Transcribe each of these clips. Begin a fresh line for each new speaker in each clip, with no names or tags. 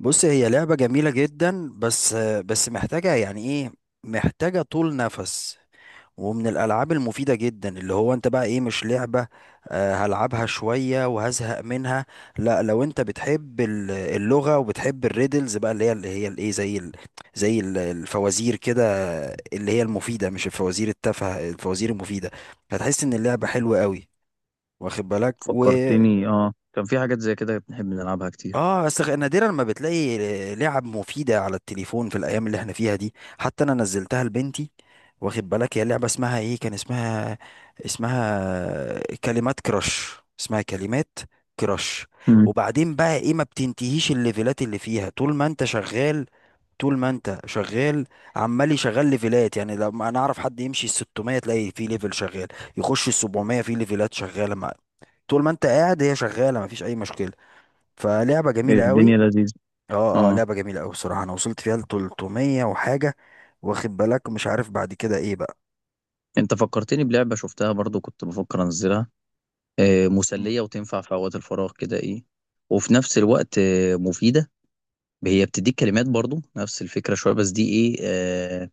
بص، هي لعبة جميلة جدا. بس محتاجة، يعني، ايه، محتاجة طول نفس. ومن الألعاب المفيدة جدا، اللي هو انت بقى ايه، مش لعبة. آه، هلعبها شوية وهزهق منها. لا، لو انت بتحب اللغة وبتحب الريدلز بقى، اللي هي الايه، زي الفوازير كده. اللي هي المفيدة، مش الفوازير التافهة، الفوازير المفيدة. هتحس ان اللعبة حلوة قوي، واخد بالك.
فكرتني كان في حاجات زي كده بنحب نلعبها كتير.
اه، بس نادرا ما بتلاقي لعب مفيدة على التليفون في الأيام اللي احنا فيها دي. حتى أنا نزلتها لبنتي، واخد بالك. هي لعبة اسمها ايه، كان اسمها، اسمها كلمات كراش. اسمها كلمات كراش.
مم.
وبعدين بقى ايه، ما بتنتهيش الليفلات اللي فيها طول ما انت شغال. طول ما انت شغال عمال يشغل ليفلات. يعني لما انا اعرف حد يمشي ال 600، تلاقي فيه ليفل شغال، يخش ال 700 فيه ليفلات شغالة. مع طول ما انت قاعد، هي شغالة، مفيش اي مشكلة. فلعبة جميلة قوي.
الدنيا لذيذة.
اه اه،
اه
لعبة جميلة أوي بصراحة. أنا وصلت فيها لتلتمية وحاجة، واخد بالك. مش عارف بعد كده إيه بقى.
انت فكرتني بلعبة شفتها برضو كنت بفكر انزلها. آه،
مم.
مسلية وتنفع في اوقات الفراغ كده ايه، وفي نفس الوقت مفيدة. هي بتديك كلمات برضو نفس الفكرة شوية، بس دي ايه،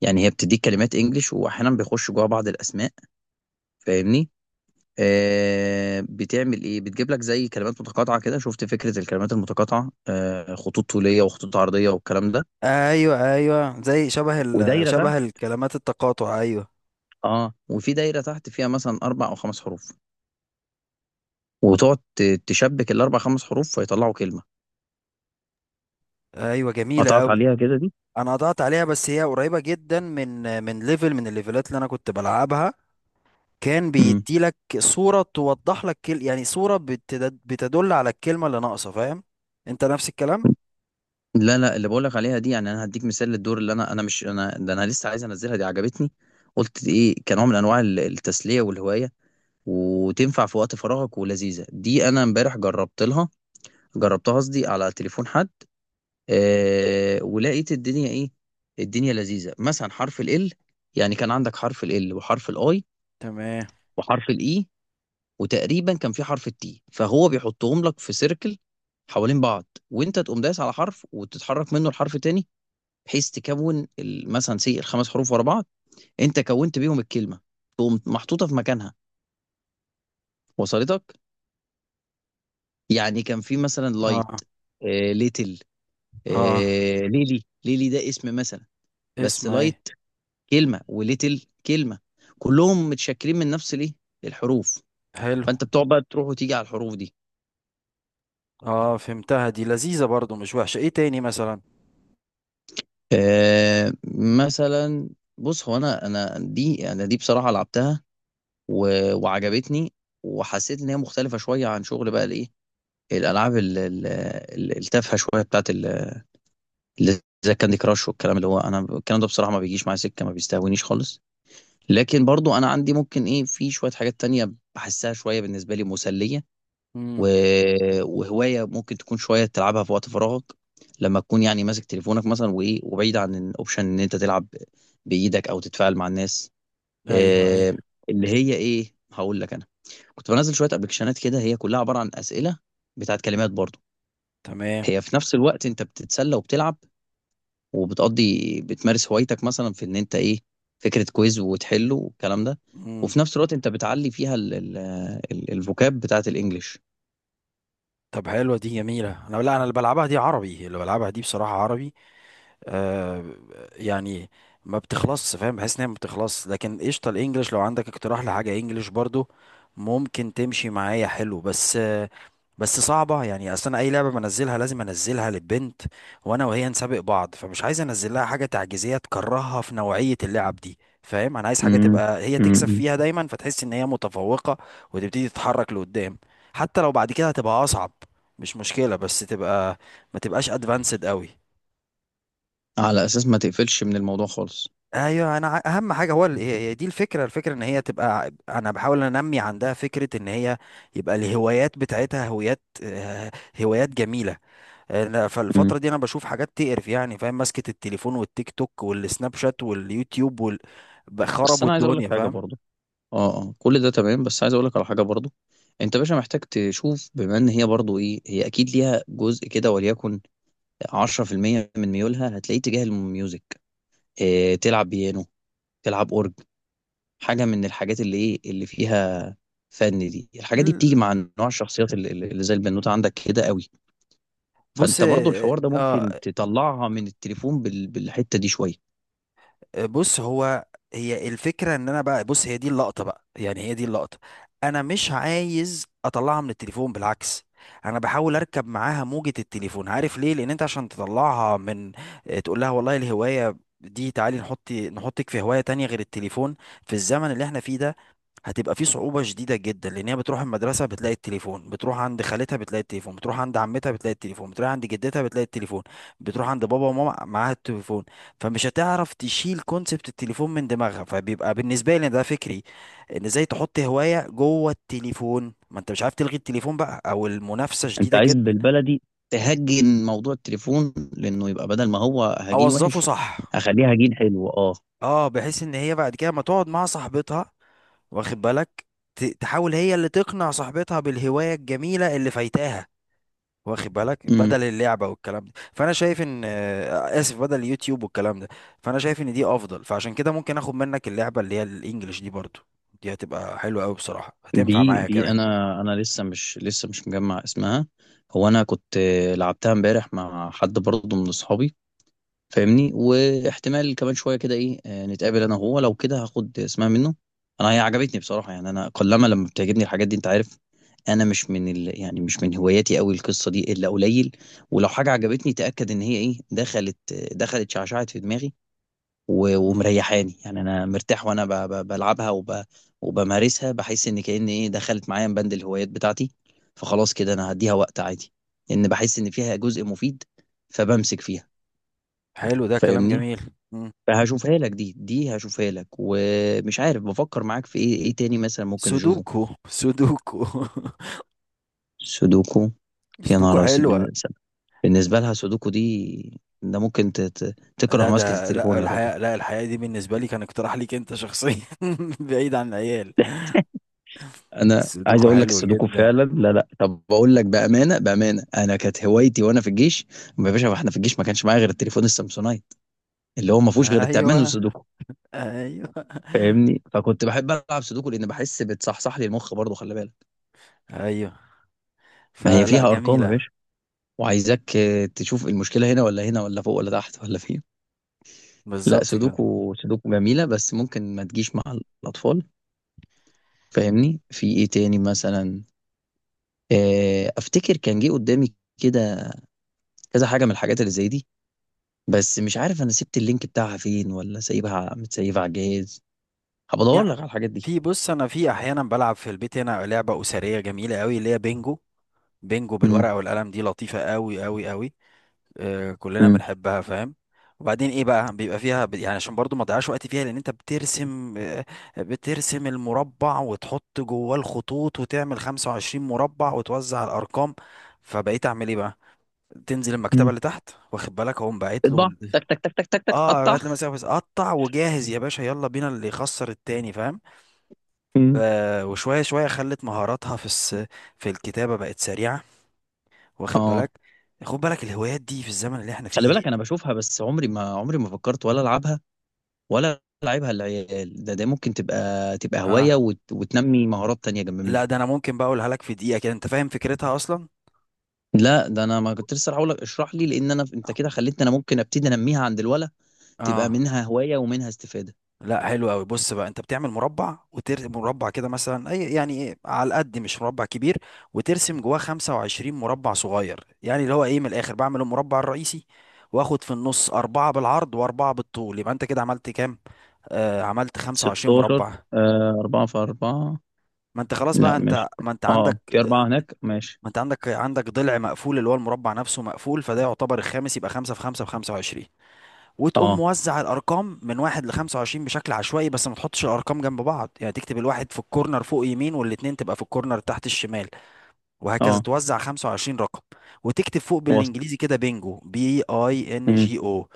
يعني هي بتديك كلمات انجليش واحيانا بيخش جوا بعض الاسماء. فاهمني؟ آه، بتعمل ايه، بتجيب لك زي كلمات متقاطعة كده. شفت فكرة الكلمات المتقاطعة؟ آه، خطوط طولية وخطوط عرضية والكلام ده،
أيوة أيوة، زي شبه ال
ودايرة تحت.
شبه الكلمات التقاطع. أيوة
اه، وفي دايرة تحت فيها مثلا أربع أو خمس حروف، وتقعد تشبك الأربع خمس حروف فيطلعوا كلمة.
أيوة، جميلة
قطعت
أوي.
عليها كده دي.
أنا قطعت عليها، بس هي قريبة جدا من ليفل، من الليفلات اللي أنا كنت بلعبها. كان
مم.
بيدي لك صورة توضح لك كل، يعني، صورة بتدل على الكلمة اللي ناقصة، فاهم. أنت نفس الكلام؟
لا لا، اللي بقولك عليها دي يعني أنا هديك مثال للدور اللي أنا مش أنا ده، أنا لسه عايز أنزلها، دي عجبتني. قلت دي إيه كنوع من أنواع التسلية والهواية، وتنفع في وقت فراغك ولذيذة. دي أنا امبارح جربت لها، جربتها قصدي على تليفون حد. آه، ولقيت الدنيا إيه، الدنيا لذيذة. مثلا حرف ال L، يعني كان عندك حرف ال L وحرف الاي،
تمام.
وحرف الاي، وتقريبا كان في حرف التي، فهو بيحطهم لك في سيركل حوالين بعض. وانت تقوم دايس على حرف وتتحرك منه لحرف تاني، بحيث تكون مثلا سي الخمس حروف ورا بعض. انت كونت بيهم الكلمه، تقوم محطوطه في مكانها، وصلتك؟ يعني كان في مثلا لايت،
اه
آه ليتل،
اه.
آه ليلي. ليلي ده اسم مثلا، بس
اسم ايه.
لايت كلمه، وليتل كلمه، كلهم متشكلين من نفس الايه، الحروف.
حلو.
فانت بتقعد بقى تروح وتيجي على الحروف دي.
اه، فهمتها. دي لذيذة برضو، مش وحشة. ايه تاني مثلا؟
آه، مثلا بص، هو انا دي، انا دي, بصراحه لعبتها، وعجبتني، وحسيت ان هي مختلفه شويه عن شغل بقى الايه، الالعاب التافهه شويه بتاعت اللي زي كاندي كراش والكلام. اللي هو انا الكلام ده بصراحه ما بيجيش معايا سكه، ما بيستهونيش خالص. لكن برضو انا عندي ممكن ايه، في شويه حاجات تانية بحسها شويه بالنسبه لي مسليه. و...
امم.
وهواية ممكن تكون شوية تلعبها في وقت فراغك، لما تكون يعني ماسك تليفونك مثلا وإيه، وبعيد عن الأوبشن إن أنت تلعب بإيدك أو تتفاعل مع الناس.
ايوه
آه،
ايوه.
اللي هي إيه، هقول لك أنا كنت بنزل شوية أبلكيشنات كده، هي كلها عبارة عن أسئلة بتاعت كلمات برضو.
تمام.
هي في نفس الوقت أنت بتتسلى وبتلعب، وبتقضي بتمارس هوايتك مثلا في إن أنت إيه، فكرة كويز وتحله والكلام ده.
امم.
وفي نفس الوقت أنت بتعلي فيها الفوكاب بتاعت الإنجليش.
طب حلوة دي، جميلة. انا، لا، انا اللي بلعبها دي عربي، اللي بلعبها دي بصراحة عربي. آه. يعني ما بتخلصش، فاهم، بحس انها ما بتخلصش. لكن قشطة، الانجليش لو عندك اقتراح لحاجة انجليش برضو، ممكن تمشي معايا. حلو. بس صعبة، يعني اصل انا اي لعبة بنزلها لازم انزلها للبنت، وانا وهي نسابق بعض. فمش عايز انزل لها حاجة تعجيزية تكرهها في نوعية اللعب دي، فاهم. انا عايز حاجة تبقى هي تكسب
امم،
فيها دايما، فتحس ان هي متفوقة، وتبتدي تتحرك لقدام. حتى لو بعد كده هتبقى اصعب، مش مشكلة، بس تبقى ما تبقاش ادفانسد قوي.
على اساس ما تقفلش من الموضوع خالص.
ايوه. انا اهم حاجه هو هي دي الفكره. الفكره ان هي تبقى، انا بحاول انمي عندها فكره ان هي، يبقى الهوايات بتاعتها هوايات، هوايات جميله. أنا
مم.
فالفترة دي انا بشوف حاجات تقرف، يعني فاهم، ماسكة التليفون والتيك توك والسناب شات واليوتيوب وال... بقى
بس
خربوا
انا عايز اقول لك
الدنيا،
حاجه
فاهم.
برضو. اه اه، كل ده تمام، بس عايز اقول لك على حاجه برضو. انت باشا محتاج تشوف، بما ان هي برضو ايه، هي اكيد ليها جزء كده، وليكن 10% من ميولها هتلاقيه تجاه الميوزك. إيه، تلعب بيانو، تلعب اورج، حاجه من الحاجات اللي ايه اللي فيها فن. دي الحاجات دي بتيجي
ال-
مع نوع الشخصيات اللي زي البنوته عندك كده قوي.
بص
فانت برضو الحوار ده ممكن
اه
تطلعها من التليفون بالحته دي شويه.
بص هو هي الفكرة ان انا بقى، بص، هي دي اللقطة بقى، يعني هي دي اللقطة. انا مش عايز اطلعها من التليفون، بالعكس، انا بحاول اركب معاها موجة التليفون. عارف ليه؟ لان انت عشان تطلعها من، تقول لها والله الهواية دي تعالي نحط، نحطك في هواية تانية غير التليفون، في الزمن اللي احنا فيه ده هتبقى في صعوبة شديدة جدا. لأن هي بتروح المدرسة بتلاقي التليفون، بتروح عند خالتها بتلاقي التليفون، بتروح عند عمتها بتلاقي التليفون، بتروح عند جدتها بتلاقي التليفون، بتروح عند بابا وماما معاها التليفون. فمش هتعرف تشيل كونسبت التليفون من دماغها. فبيبقى بالنسبة لي ده فكري، إن إزاي تحط هواية جوه التليفون، ما أنت مش عارف تلغي التليفون بقى، أو المنافسة
انت
شديدة
عايز
جدا.
بالبلدي تهجن موضوع التليفون، لانه يبقى بدل ما هو هجين
أوظفه
وحش
صح.
هخليه هجين حلو. اه،
أه، بحيث إن هي بعد كده ما تقعد مع صاحبتها، واخد بالك، تحاول هي اللي تقنع صاحبتها بالهواية الجميلة اللي فايتاها، واخد بالك،
امم.
بدل اللعبه والكلام ده. فانا شايف ان، اسف، بدل اليوتيوب والكلام ده. فانا شايف ان دي افضل. فعشان كده ممكن اخد منك اللعبه اللي هي الانجليش دي برضو، دي هتبقى حلوه قوي بصراحه، هتنفع
دي
معايا
دي
كمان.
انا، انا لسه مش مجمع اسمها. هو انا كنت آه، لعبتها امبارح مع حد برضه من اصحابي، فاهمني؟ واحتمال كمان شويه كده ايه، آه، نتقابل انا وهو، لو كده هاخد اسمها منه. انا هي عجبتني بصراحه، يعني انا قلما لما بتعجبني الحاجات دي، انت عارف، انا مش من يعني مش من هواياتي قوي القصه دي الا قليل. ولو حاجه عجبتني، تاكد ان هي ايه، دخلت، دخلت شعشعت في دماغي،
امم.
ومريحاني، يعني انا مرتاح وانا بلعبها، وبمارسها، بحس ان كأن ايه دخلت معايا من بند الهوايات بتاعتي. فخلاص كده انا هديها وقت عادي، لان بحس ان فيها جزء مفيد فبمسك فيها.
حلو، ده كلام
فاهمني؟
جميل. امم.
فهاشوفها لك، دي هشوفها لك، ومش عارف، بفكر معاك في ايه، ايه تاني مثلا ممكن نشوفه.
سودوكو سودوكو.
سودوكو. يا
سودوكو
نهار أسود،
حلوه.
بالنسبه لها سودوكو دي ده ممكن تكره
لا،
ماسكه
ده، لا
التليفون يا راجل.
الحياة، لا الحياة دي بالنسبة لي كان اقتراح ليك انت شخصيا. بعيد عن العيال.
انا عايز
السودوكو
اقول لك
حلو
السودوكو
جدا.
فعلا، لا لا، طب بقول لك بامانه، بامانه انا كانت هوايتي وانا في الجيش. يا باشا احنا في الجيش ما كانش معايا غير التليفون السامسونايت، اللي هو ما فيهوش غير التعبان
ايوه
والسودوكو.
ايوه
فاهمني؟ فكنت بحب العب سودوكو، لان بحس بتصحصح لي المخ برضه، خلي بالك.
ايوه.
ما هي
فلا،
فيها ارقام يا
جميلة.
باشا، وعايزاك آه، تشوف المشكلة هنا ولا هنا ولا فوق ولا تحت ولا فين. لا،
بالظبط كده.
سودوكو سودوكو جميلة، بس ممكن ما تجيش مع الأطفال. فاهمني؟ في ايه تاني مثلا. آه، افتكر كان جه قدامي كده كذا حاجة من الحاجات اللي زي دي، بس مش عارف انا سبت اللينك بتاعها فين ولا سايبها متسيبها على الجهاز. هبدور
يعني
لك على الحاجات دي.
في، بص، انا في احيانا بلعب في البيت هنا لعبه اسريه جميله قوي، اللي هي بينجو. بينجو
مم.
بالورقه والقلم، دي لطيفه قوي قوي قوي. آه، كلنا
مم.
بنحبها، فاهم. وبعدين ايه بقى، بيبقى فيها يعني، عشان برضو ما تضيعش وقت فيها، لان انت بترسم المربع، وتحط جواه الخطوط، وتعمل 25 مربع، وتوزع الارقام. فبقيت اعمل ايه بقى، تنزل المكتبه
مم.
اللي تحت، واخد بالك، اقوم باعت له
اطبع تك تك تك تك تك تك
اه،
قطع.
بعت له مسافه قطع وجاهز يا باشا، يلا بينا، اللي يخسر التاني، فاهم.
مم.
وشوية شوية خلت مهاراتها في الكتابة بقت سريعة، واخد
اه،
بالك. خد بالك، الهوايات دي في الزمن اللي احنا
خلي
فيه هي.
بالك، انا بشوفها بس عمري ما، عمري ما فكرت ولا العبها، ولا العبها للعيال. ده ده ممكن تبقى هوايه،
اه.
وتنمي مهارات تانية جنب
لا،
منها.
ده انا ممكن بقى اقولها لك في دقيقة كده، انت فاهم فكرتها اصلا.
لا ده انا ما كنت لسه هقول لك اشرح لي، لان انا انت كده خليتني انا ممكن ابتدي انميها عند الولا، تبقى
اه.
منها هوايه ومنها استفاده.
لا، حلو قوي. بص بقى، انت بتعمل مربع، وترسم مربع كده مثلا، اي يعني ايه، على قد، مش مربع كبير، وترسم جواه 25 مربع صغير. يعني اللي هو ايه، من الاخر، بعمل المربع الرئيسي، واخد في النص أربعة بالعرض وأربعة بالطول. يبقى أنت كده عملت كام؟ آه، عملت 25
16،
مربع.
آه 4 في 4.
ما انت خلاص بقى،
لا
انت
ماشي،
ما انت
اه
عندك
في أربعة هناك ماشي.
ما انت عندك عندك ضلع مقفول، اللي هو المربع نفسه مقفول، فده يعتبر الخامس. يبقى خمسة في خمسة في 25. وتقوم
اه.
موزع الارقام من واحد ل 25 بشكل عشوائي، بس ما تحطش الارقام جنب بعض. يعني تكتب الواحد في الكورنر فوق يمين، والاتنين تبقى في الكورنر تحت الشمال، وهكذا
اه،
توزع 25 رقم. وتكتب فوق
وصل.
بالانجليزي كده بينجو، بي اي ان
مم.
جي او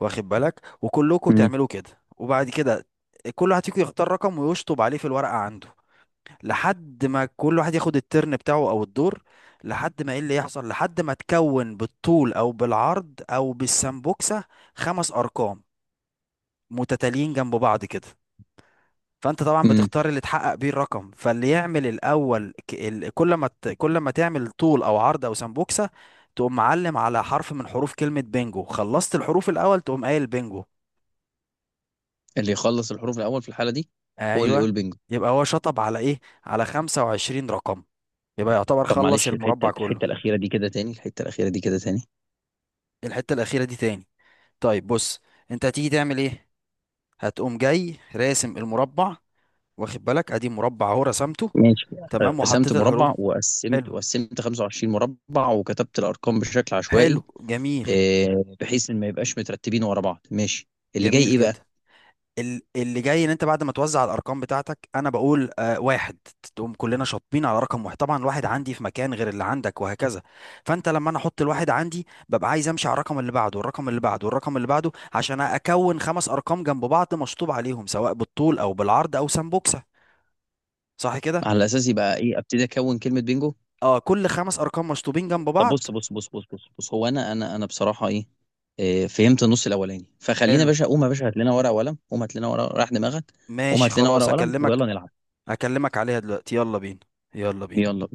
واخد بالك. وكلكم
مم.
تعملوا كده. وبعد كده كل واحد فيكم يختار رقم ويشطب عليه في الورقة عنده، لحد ما كل واحد ياخد الترن بتاعه او الدور. لحد ما ايه اللي يحصل، لحد ما تكون بالطول او بالعرض او بالسمبوكسة خمس ارقام متتاليين جنب بعض كده. فانت طبعا
مم.
بتختار اللي تحقق بيه الرقم. فاللي يعمل الاول، كل ما تعمل طول او عرض او سمبوكسة، تقوم معلم على حرف من حروف كلمة بينجو. خلصت الحروف الاول، تقوم قايل بينجو.
اللي يخلص الحروف الأول في الحالة دي هو اللي
ايوه.
يقول بينجو.
يبقى هو شطب على ايه، على 25 رقم. يبقى يعتبر
طب
خلص
معلش،
المربع
الحتة
كله.
الحتة الأخيرة دي كده تاني، الحتة الأخيرة دي كده تاني.
الحتة الأخيرة دي تاني. طيب، بص، انت هتيجي تعمل ايه، هتقوم جاي راسم المربع، واخد بالك. ادي مربع اهو، رسمته.
ماشي،
تمام،
رسمت
وحطيت الحروف.
مربع وقسمت
حلو.
وقسمت 25 مربع، وكتبت الارقام بشكل
حلو
عشوائي.
جميل.
آه، بحيث ان ما يبقاش مترتبين ورا بعض، ماشي. اللي جاي
جميل
ايه بقى؟
جدا. اللي جاي ان انت بعد ما توزع الارقام بتاعتك، انا بقول آه واحد، تقوم كلنا شاطبين على رقم واحد. طبعا الواحد عندي في مكان غير اللي عندك، وهكذا. فانت لما انا احط الواحد عندي، ببقى عايز امشي على الرقم اللي بعده والرقم اللي بعده والرقم اللي بعده، عشان اكون خمس ارقام جنب بعض مشطوب عليهم، سواء بالطول او بالعرض او سمبوكسة. صح كده.
على اساس يبقى ايه، ابتدي اكون كلمه بينجو.
اه، كل خمس ارقام مشطوبين جنب
طب
بعض.
بص، هو انا بصراحه ايه، آه، فهمت النص الاولاني، فخلينا يا
حلو.
باشا، قوم يا باشا هات لنا ورقه وقلم، قوم هات لنا ورقه، راح دماغك. قوم
ماشي
هات لنا ورقه
خلاص،
وقلم
اكلمك
ويلا نلعب.
اكلمك عليها دلوقتي. يلا بينا. يلا بينا.
يلا.